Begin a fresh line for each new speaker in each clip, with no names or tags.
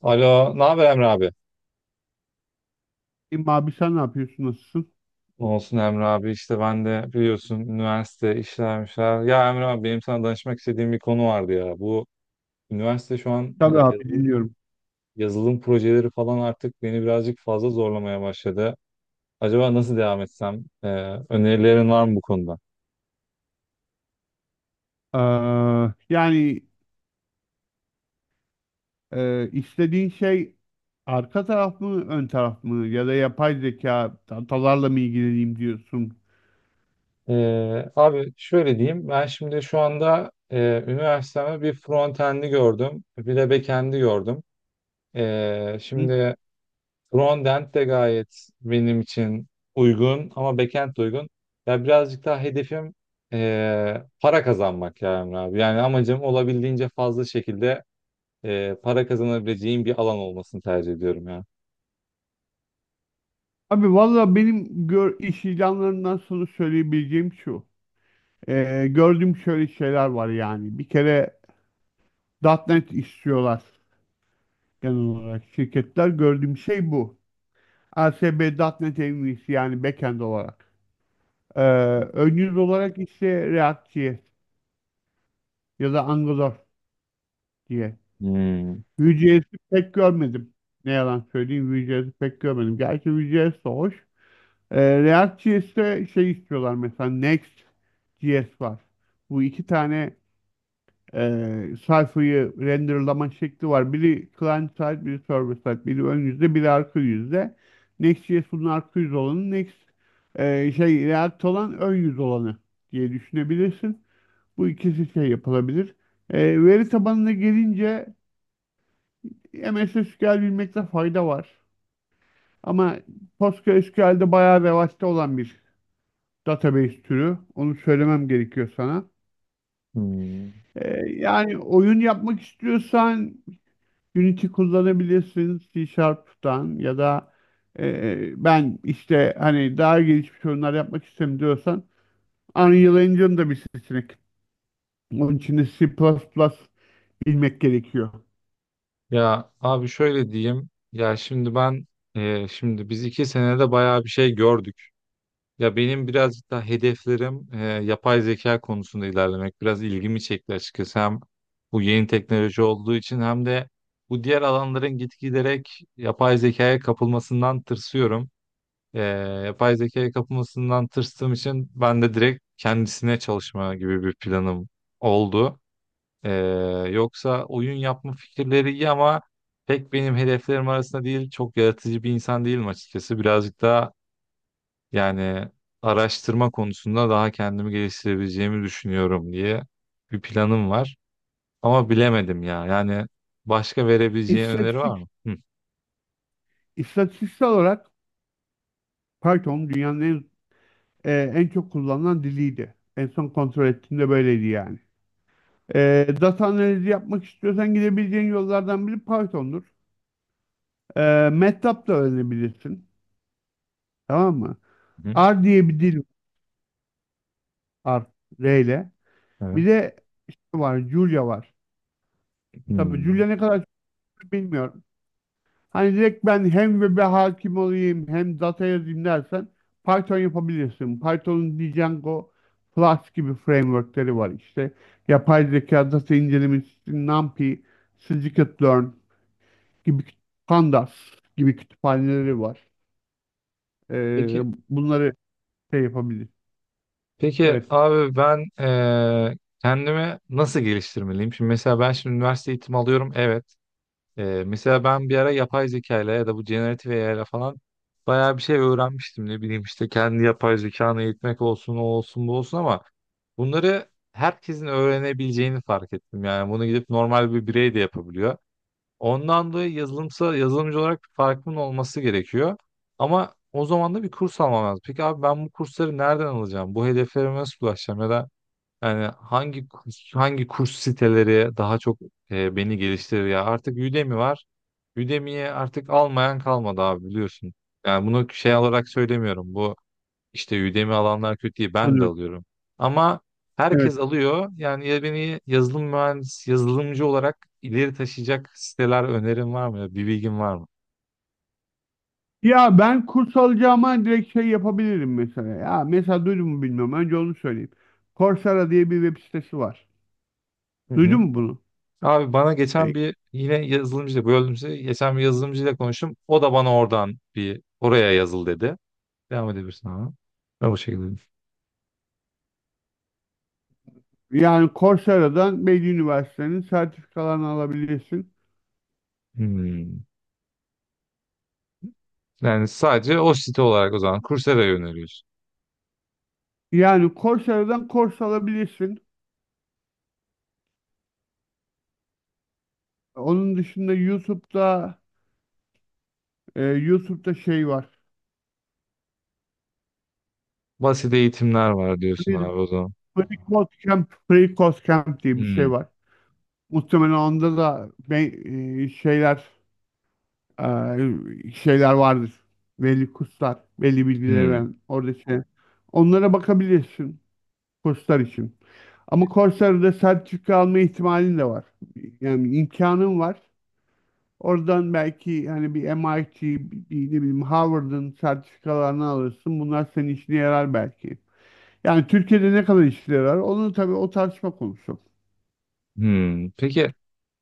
Alo, ne haber Emre abi?
İyiyim abi sen ne yapıyorsun? Nasılsın?
Ne olsun Emre abi işte ben de biliyorsun üniversite işlermişler. Ya Emre abi benim sana danışmak istediğim bir konu vardı ya. Bu üniversite şu an
Tabii abi dinliyorum.
yazılım projeleri falan artık beni birazcık fazla zorlamaya başladı. Acaba nasıl devam etsem? Önerilerin var mı bu konuda?
Ee, yani istediğin şey arka taraf mı ön taraf mı ya da yapay zeka datalarla mı ilgileneyim diyorsun?
Abi şöyle diyeyim ben şimdi şu anda üniversiteme bir frontend'i gördüm bir de backend'i gördüm.
Hı?
Şimdi frontend de gayet benim için uygun ama backend de uygun. Ya birazcık daha hedefim para kazanmak ya Emre abi. Yani amacım olabildiğince fazla şekilde para kazanabileceğim bir alan olmasını tercih ediyorum ya.
Abi valla iş ilanlarından sonra söyleyebileceğim şu. Gördüğüm şöyle şeyler var yani. Bir kere .NET istiyorlar genel olarak şirketler. Gördüğüm şey bu. ASP.NET en iyisi yani backend olarak. Ee, Ön yüz olarak ise React.js ya da Angular diye.
Hmm.
Vue.js'i pek görmedim. Ne yalan söyleyeyim, Vue.js'i pek görmedim. Gerçi Vue.js de hoş. React.js'te şey istiyorlar, mesela Next.js var. Bu iki tane sayfayı renderlama şekli var. Biri client side, biri server side. Biri ön yüzde, biri arka yüzde. Next.js bunun arka yüz olanı. Next e, şey React olan ön yüz olanı diye düşünebilirsin. Bu ikisi şey yapılabilir. E, veri tabanına gelince MSSQL bilmekte fayda var. Ama PostgreSQL'de bayağı revaçta olan bir database türü. Onu söylemem gerekiyor sana.
Hmm.
Yani oyun yapmak istiyorsan Unity kullanabilirsin C Sharp'tan, ya da ben işte hani daha gelişmiş oyunlar yapmak istiyorum diyorsan Unreal Engine da bir seçenek. Onun için de C++ plus plus bilmek gerekiyor.
Ya abi şöyle diyeyim. Şimdi biz iki senede bayağı bir şey gördük. Ya benim birazcık daha hedeflerim yapay zeka konusunda ilerlemek. Biraz ilgimi çekti açıkçası. Hem bu yeni teknoloji olduğu için hem de bu diğer alanların gitgiderek yapay zekaya kapılmasından tırsıyorum. E, Yapay zekaya kapılmasından tırstığım için ben de direkt kendisine çalışma gibi bir planım oldu. Ee, Yoksa oyun yapma fikirleri iyi ama pek benim hedeflerim arasında değil. Çok yaratıcı bir insan değilim açıkçası. Birazcık daha yani araştırma konusunda daha kendimi geliştirebileceğimi düşünüyorum diye bir planım var. Ama bilemedim ya. Yani başka verebileceğin öneri
İstatistik,
var mı? Hı
istatistiksel olarak Python dünyanın en çok kullanılan diliydi. En son kontrol ettiğimde böyleydi yani. E, data analizi yapmak istiyorsan gidebileceğin yollardan biri Python'dur. E, MATLAB da öğrenebilirsin. Tamam mı?
hı.
R diye bir dil var. R ile. Bir
Evet.
de var. Julia var. Tabii
Hmm.
Julia ne kadar çok bilmiyorum. Hani direkt ben hem web'e hakim olayım hem data yazayım dersen Python yapabilirsin. Python'un Django, Flask gibi frameworkleri var işte. Yapay zeka data incelemesi, NumPy, scikit-learn gibi küt- pandas gibi kütüphaneleri var. Ee,
Peki,
Bunları şey yapabilir.
peki
Evet,
abi ben kendimi nasıl geliştirmeliyim? Şimdi mesela ben şimdi üniversite eğitimi alıyorum. Evet. Mesela ben bir ara yapay zeka ile ya da bu generatif AI ile falan bayağı bir şey öğrenmiştim. Ne bileyim işte kendi yapay zekanı eğitmek olsun o olsun bu olsun ama bunları herkesin öğrenebileceğini fark ettim. Yani bunu gidip normal bir birey de yapabiliyor. Ondan dolayı yazılımsa yazılımcı olarak bir farkımın olması gerekiyor. Ama o zaman da bir kurs almam lazım. Peki abi ben bu kursları nereden alacağım? Bu hedeflerime nasıl ulaşacağım? Ya da yani hangi kurs siteleri daha çok beni geliştirir ya? Artık Udemy var. Udemy'ye artık almayan kalmadı abi biliyorsun. Yani bunu şey olarak söylemiyorum. Bu işte Udemy alanlar kötü değil. Ben de
anlıyorum.
alıyorum. Ama
Evet.
herkes alıyor. Yani ya beni yazılımcı olarak ileri taşıyacak siteler önerin var mı? Bir bilgin var mı?
Ya ben kurs alacağıma direkt şey yapabilirim mesela. Ya mesela duydun mu bilmiyorum. Önce onu söyleyeyim. Coursera diye bir web sitesi var.
Hı hı.
Duydun mu bunu?
Abi bana geçen bir yine yazılımcıyla böldüm sizi. Geçen bir yazılımcıyla konuştum. O da bana oradan bir oraya yazıl dedi. Devam edebilirsin ama. Ben bu şekilde.
Yani Coursera'dan Bilgi Üniversitesi'nin sertifikalarını alabilirsin.
Hmm. Yani sadece o site olarak o zaman Coursera'ya yöneliyorsun.
Yani Coursera'dan kurs alabilirsin. Onun dışında YouTube'da şey var.
Basit eğitimler var diyorsun abi
Free,
o zaman.
Free Code Camp, Free Code Camp diye bir şey
Hmm.
var. Muhtemelen onda da şeyler vardır. Belli kurslar, belli bilgileri
Hmm.
veren orada şey. Onlara bakabilirsin kurslar için. Ama Coursera'da sertifika alma ihtimalin de var. Yani imkanın var. Oradan belki hani bir MIT, bir ne bileyim Harvard'ın sertifikalarını alırsın. Bunlar senin işine yarar belki. Yani Türkiye'de ne kadar işine yarar? Onu tabii o tartışma konusu.
Hmm. Peki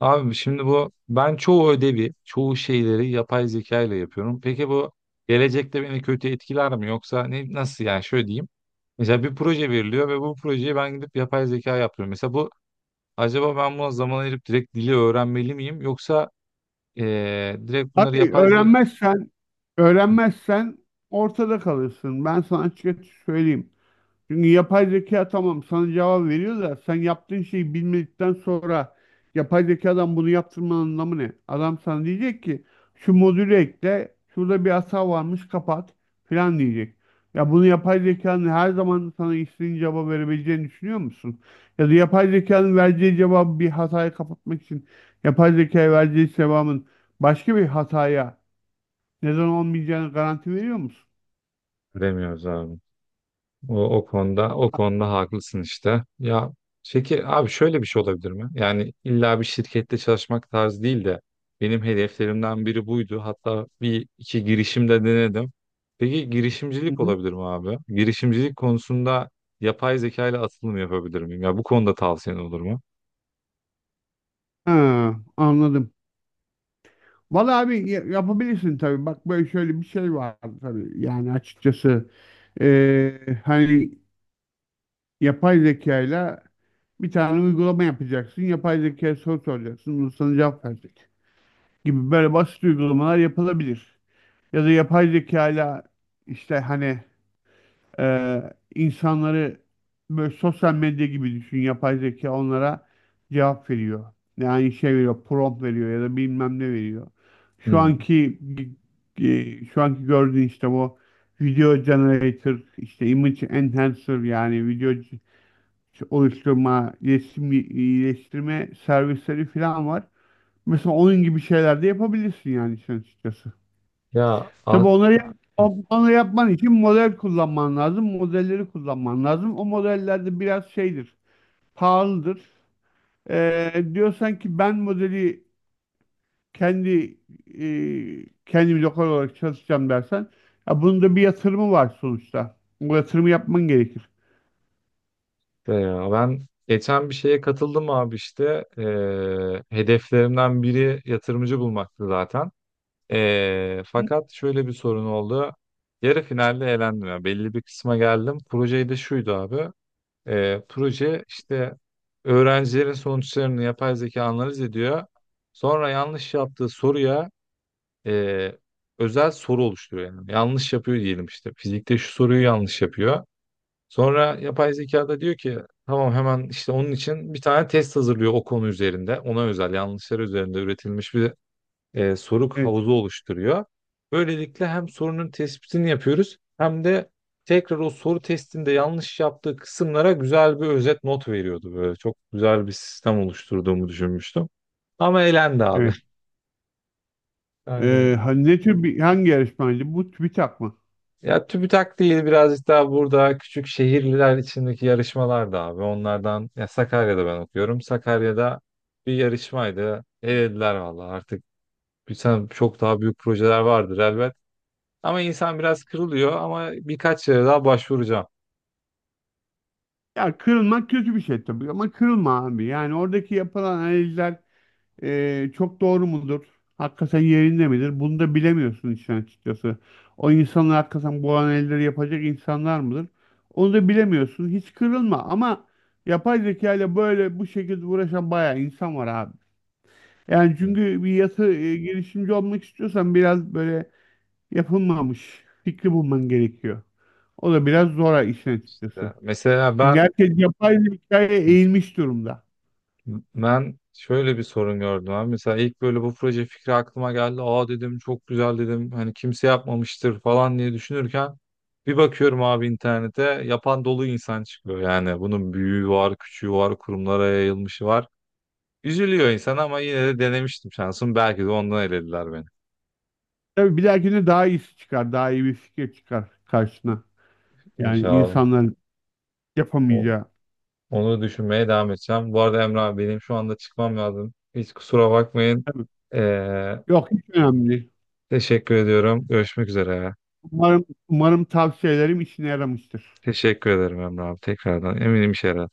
abi şimdi bu ben çoğu şeyleri yapay zeka ile yapıyorum. Peki bu gelecekte beni kötü etkiler mi yoksa ne nasıl yani şöyle diyeyim. Mesela bir proje veriliyor ve bu projeyi ben gidip yapay zeka yapıyorum. Mesela bu acaba ben buna zaman ayırıp direkt dili öğrenmeli miyim yoksa direkt bunları
Abi
yapay zeka.
öğrenmezsen, öğrenmezsen ortada kalırsın. Ben sana açıkça söyleyeyim. Çünkü yapay zeka tamam sana cevap veriyor da sen yaptığın şeyi bilmedikten sonra yapay zekadan bunu yaptırmanın anlamı ne? Adam sana diyecek ki şu modülü ekle, şurada bir hata varmış kapat filan diyecek. Ya bunu yapay zekanın her zaman sana istediğin cevabı verebileceğini düşünüyor musun? Ya da yapay zekanın vereceği cevabı bir hatayı kapatmak için yapay zekaya vereceği cevabın başka bir hataya neden olmayacağını garanti veriyor musun?
Bilemiyoruz abi. O konuda o konuda haklısın işte. Ya peki abi şöyle bir şey olabilir mi? Yani illa bir şirkette çalışmak tarzı değil de benim hedeflerimden biri buydu. Hatta bir iki girişimde denedim. Peki
Hı
girişimcilik
hı.
olabilir mi abi? Girişimcilik konusunda yapay zeka ile atılım yapabilir miyim? Ya bu konuda tavsiyen olur mu?
Ha, anladım. Vallahi abi yapabilirsin tabii. Bak böyle şöyle bir şey var tabii. Yani açıkçası hani yapay zekayla bir tane uygulama yapacaksın. Yapay zekaya soru soracaksın. Bunu sana cevap verecek. Gibi böyle basit uygulamalar yapılabilir. Ya da yapay zekayla işte hani insanları böyle sosyal medya gibi düşün. Yapay zeka onlara cevap veriyor. Yani şey veriyor, prompt veriyor ya da bilmem ne veriyor. Şu
Hmm.
anki şu anki gördüğün işte bu video generator, işte image enhancer yani oluşturma, resim iyileştirme servisleri falan var. Mesela onun gibi şeyler de yapabilirsin yani sen açıkçası.
Ya
Tabii
az
onları yapman için model kullanman lazım. Modelleri kullanman lazım. O modellerde biraz şeydir, pahalıdır. Diyorsan ki ben modeli kendi kendim lokal olarak çalışacağım dersen ya bunun da bir yatırımı var sonuçta. Bu yatırımı yapman gerekir.
be ya ben geçen bir şeye katıldım abi işte. Hedeflerimden biri yatırımcı bulmaktı zaten.
Hı?
Fakat şöyle bir sorun oldu. Yarı finalde elendim. Ya belli bir kısma geldim. Projeyi de şuydu abi. Proje işte öğrencilerin sonuçlarını yapay zeka analiz ediyor. Sonra yanlış yaptığı soruya e, özel soru oluşturuyor. Yani yanlış yapıyor diyelim işte. Fizikte şu soruyu yanlış yapıyor. Sonra yapay zeka da diyor ki tamam hemen işte onun için bir tane test hazırlıyor o konu üzerinde. Ona özel yanlışlar üzerinde üretilmiş bir soruk
Evet,
havuzu oluşturuyor. Böylelikle hem sorunun tespitini yapıyoruz hem de tekrar o soru testinde yanlış yaptığı kısımlara güzel bir özet not veriyordu böyle. Çok güzel bir sistem oluşturduğumu düşünmüştüm. Ama elendi abi.
evet.
Yani
Ne tür bir hangi yarışmaydı? Bu TÜBİTAK mı?
ya TÜBİTAK değil birazcık daha burada küçük şehirliler içindeki yarışmalar da abi. Onlardan ya Sakarya'da ben okuyorum. Sakarya'da bir yarışmaydı. Elediler valla artık bir sen çok daha büyük projeler vardır elbet. Ama insan biraz kırılıyor ama birkaç yere daha başvuracağım.
Ya kırılmak kötü bir şey tabii ama kırılma abi. Yani oradaki yapılan analizler çok doğru mudur? Hakikaten yerinde midir? Bunu da bilemiyorsun işin açıkçası. O insanlar hakikaten bu analizleri yapacak insanlar mıdır? Onu da bilemiyorsun. Hiç kırılma ama yapay zeka ile böyle bu şekilde uğraşan bayağı insan var abi. Yani
Evet.
çünkü girişimci olmak istiyorsan biraz böyle yapılmamış fikri bulman gerekiyor. O da biraz zor işin açıkçası.
Ya Mesela
Çünkü
ben
herkes yapay zekaya eğilmiş durumda.
şöyle bir sorun gördüm abi. Mesela ilk böyle bu proje fikri aklıma geldi. Aa dedim çok güzel dedim. Hani kimse yapmamıştır falan diye düşünürken bir bakıyorum abi internete yapan dolu insan çıkıyor. Yani bunun büyüğü var, küçüğü var, kurumlara yayılmışı var. Üzülüyor insan ama yine de denemiştim şansım. Belki de ondan elediler beni.
Tabii bir dahakine daha iyisi çıkar. Daha iyi bir fikir çıkar karşına. Yani
İnşallah.
insanların yapamayacağı.
Onu düşünmeye devam edeceğim. Bu arada Emre abi benim şu anda çıkmam lazım. Hiç kusura bakmayın.
Tabii.
Ee,
Yok, hiç önemli değil.
Teşekkür ediyorum. Görüşmek üzere.
Umarım tavsiyelerim işine yaramıştır.
Teşekkür ederim Emre abi tekrardan. Eminim işe yarar.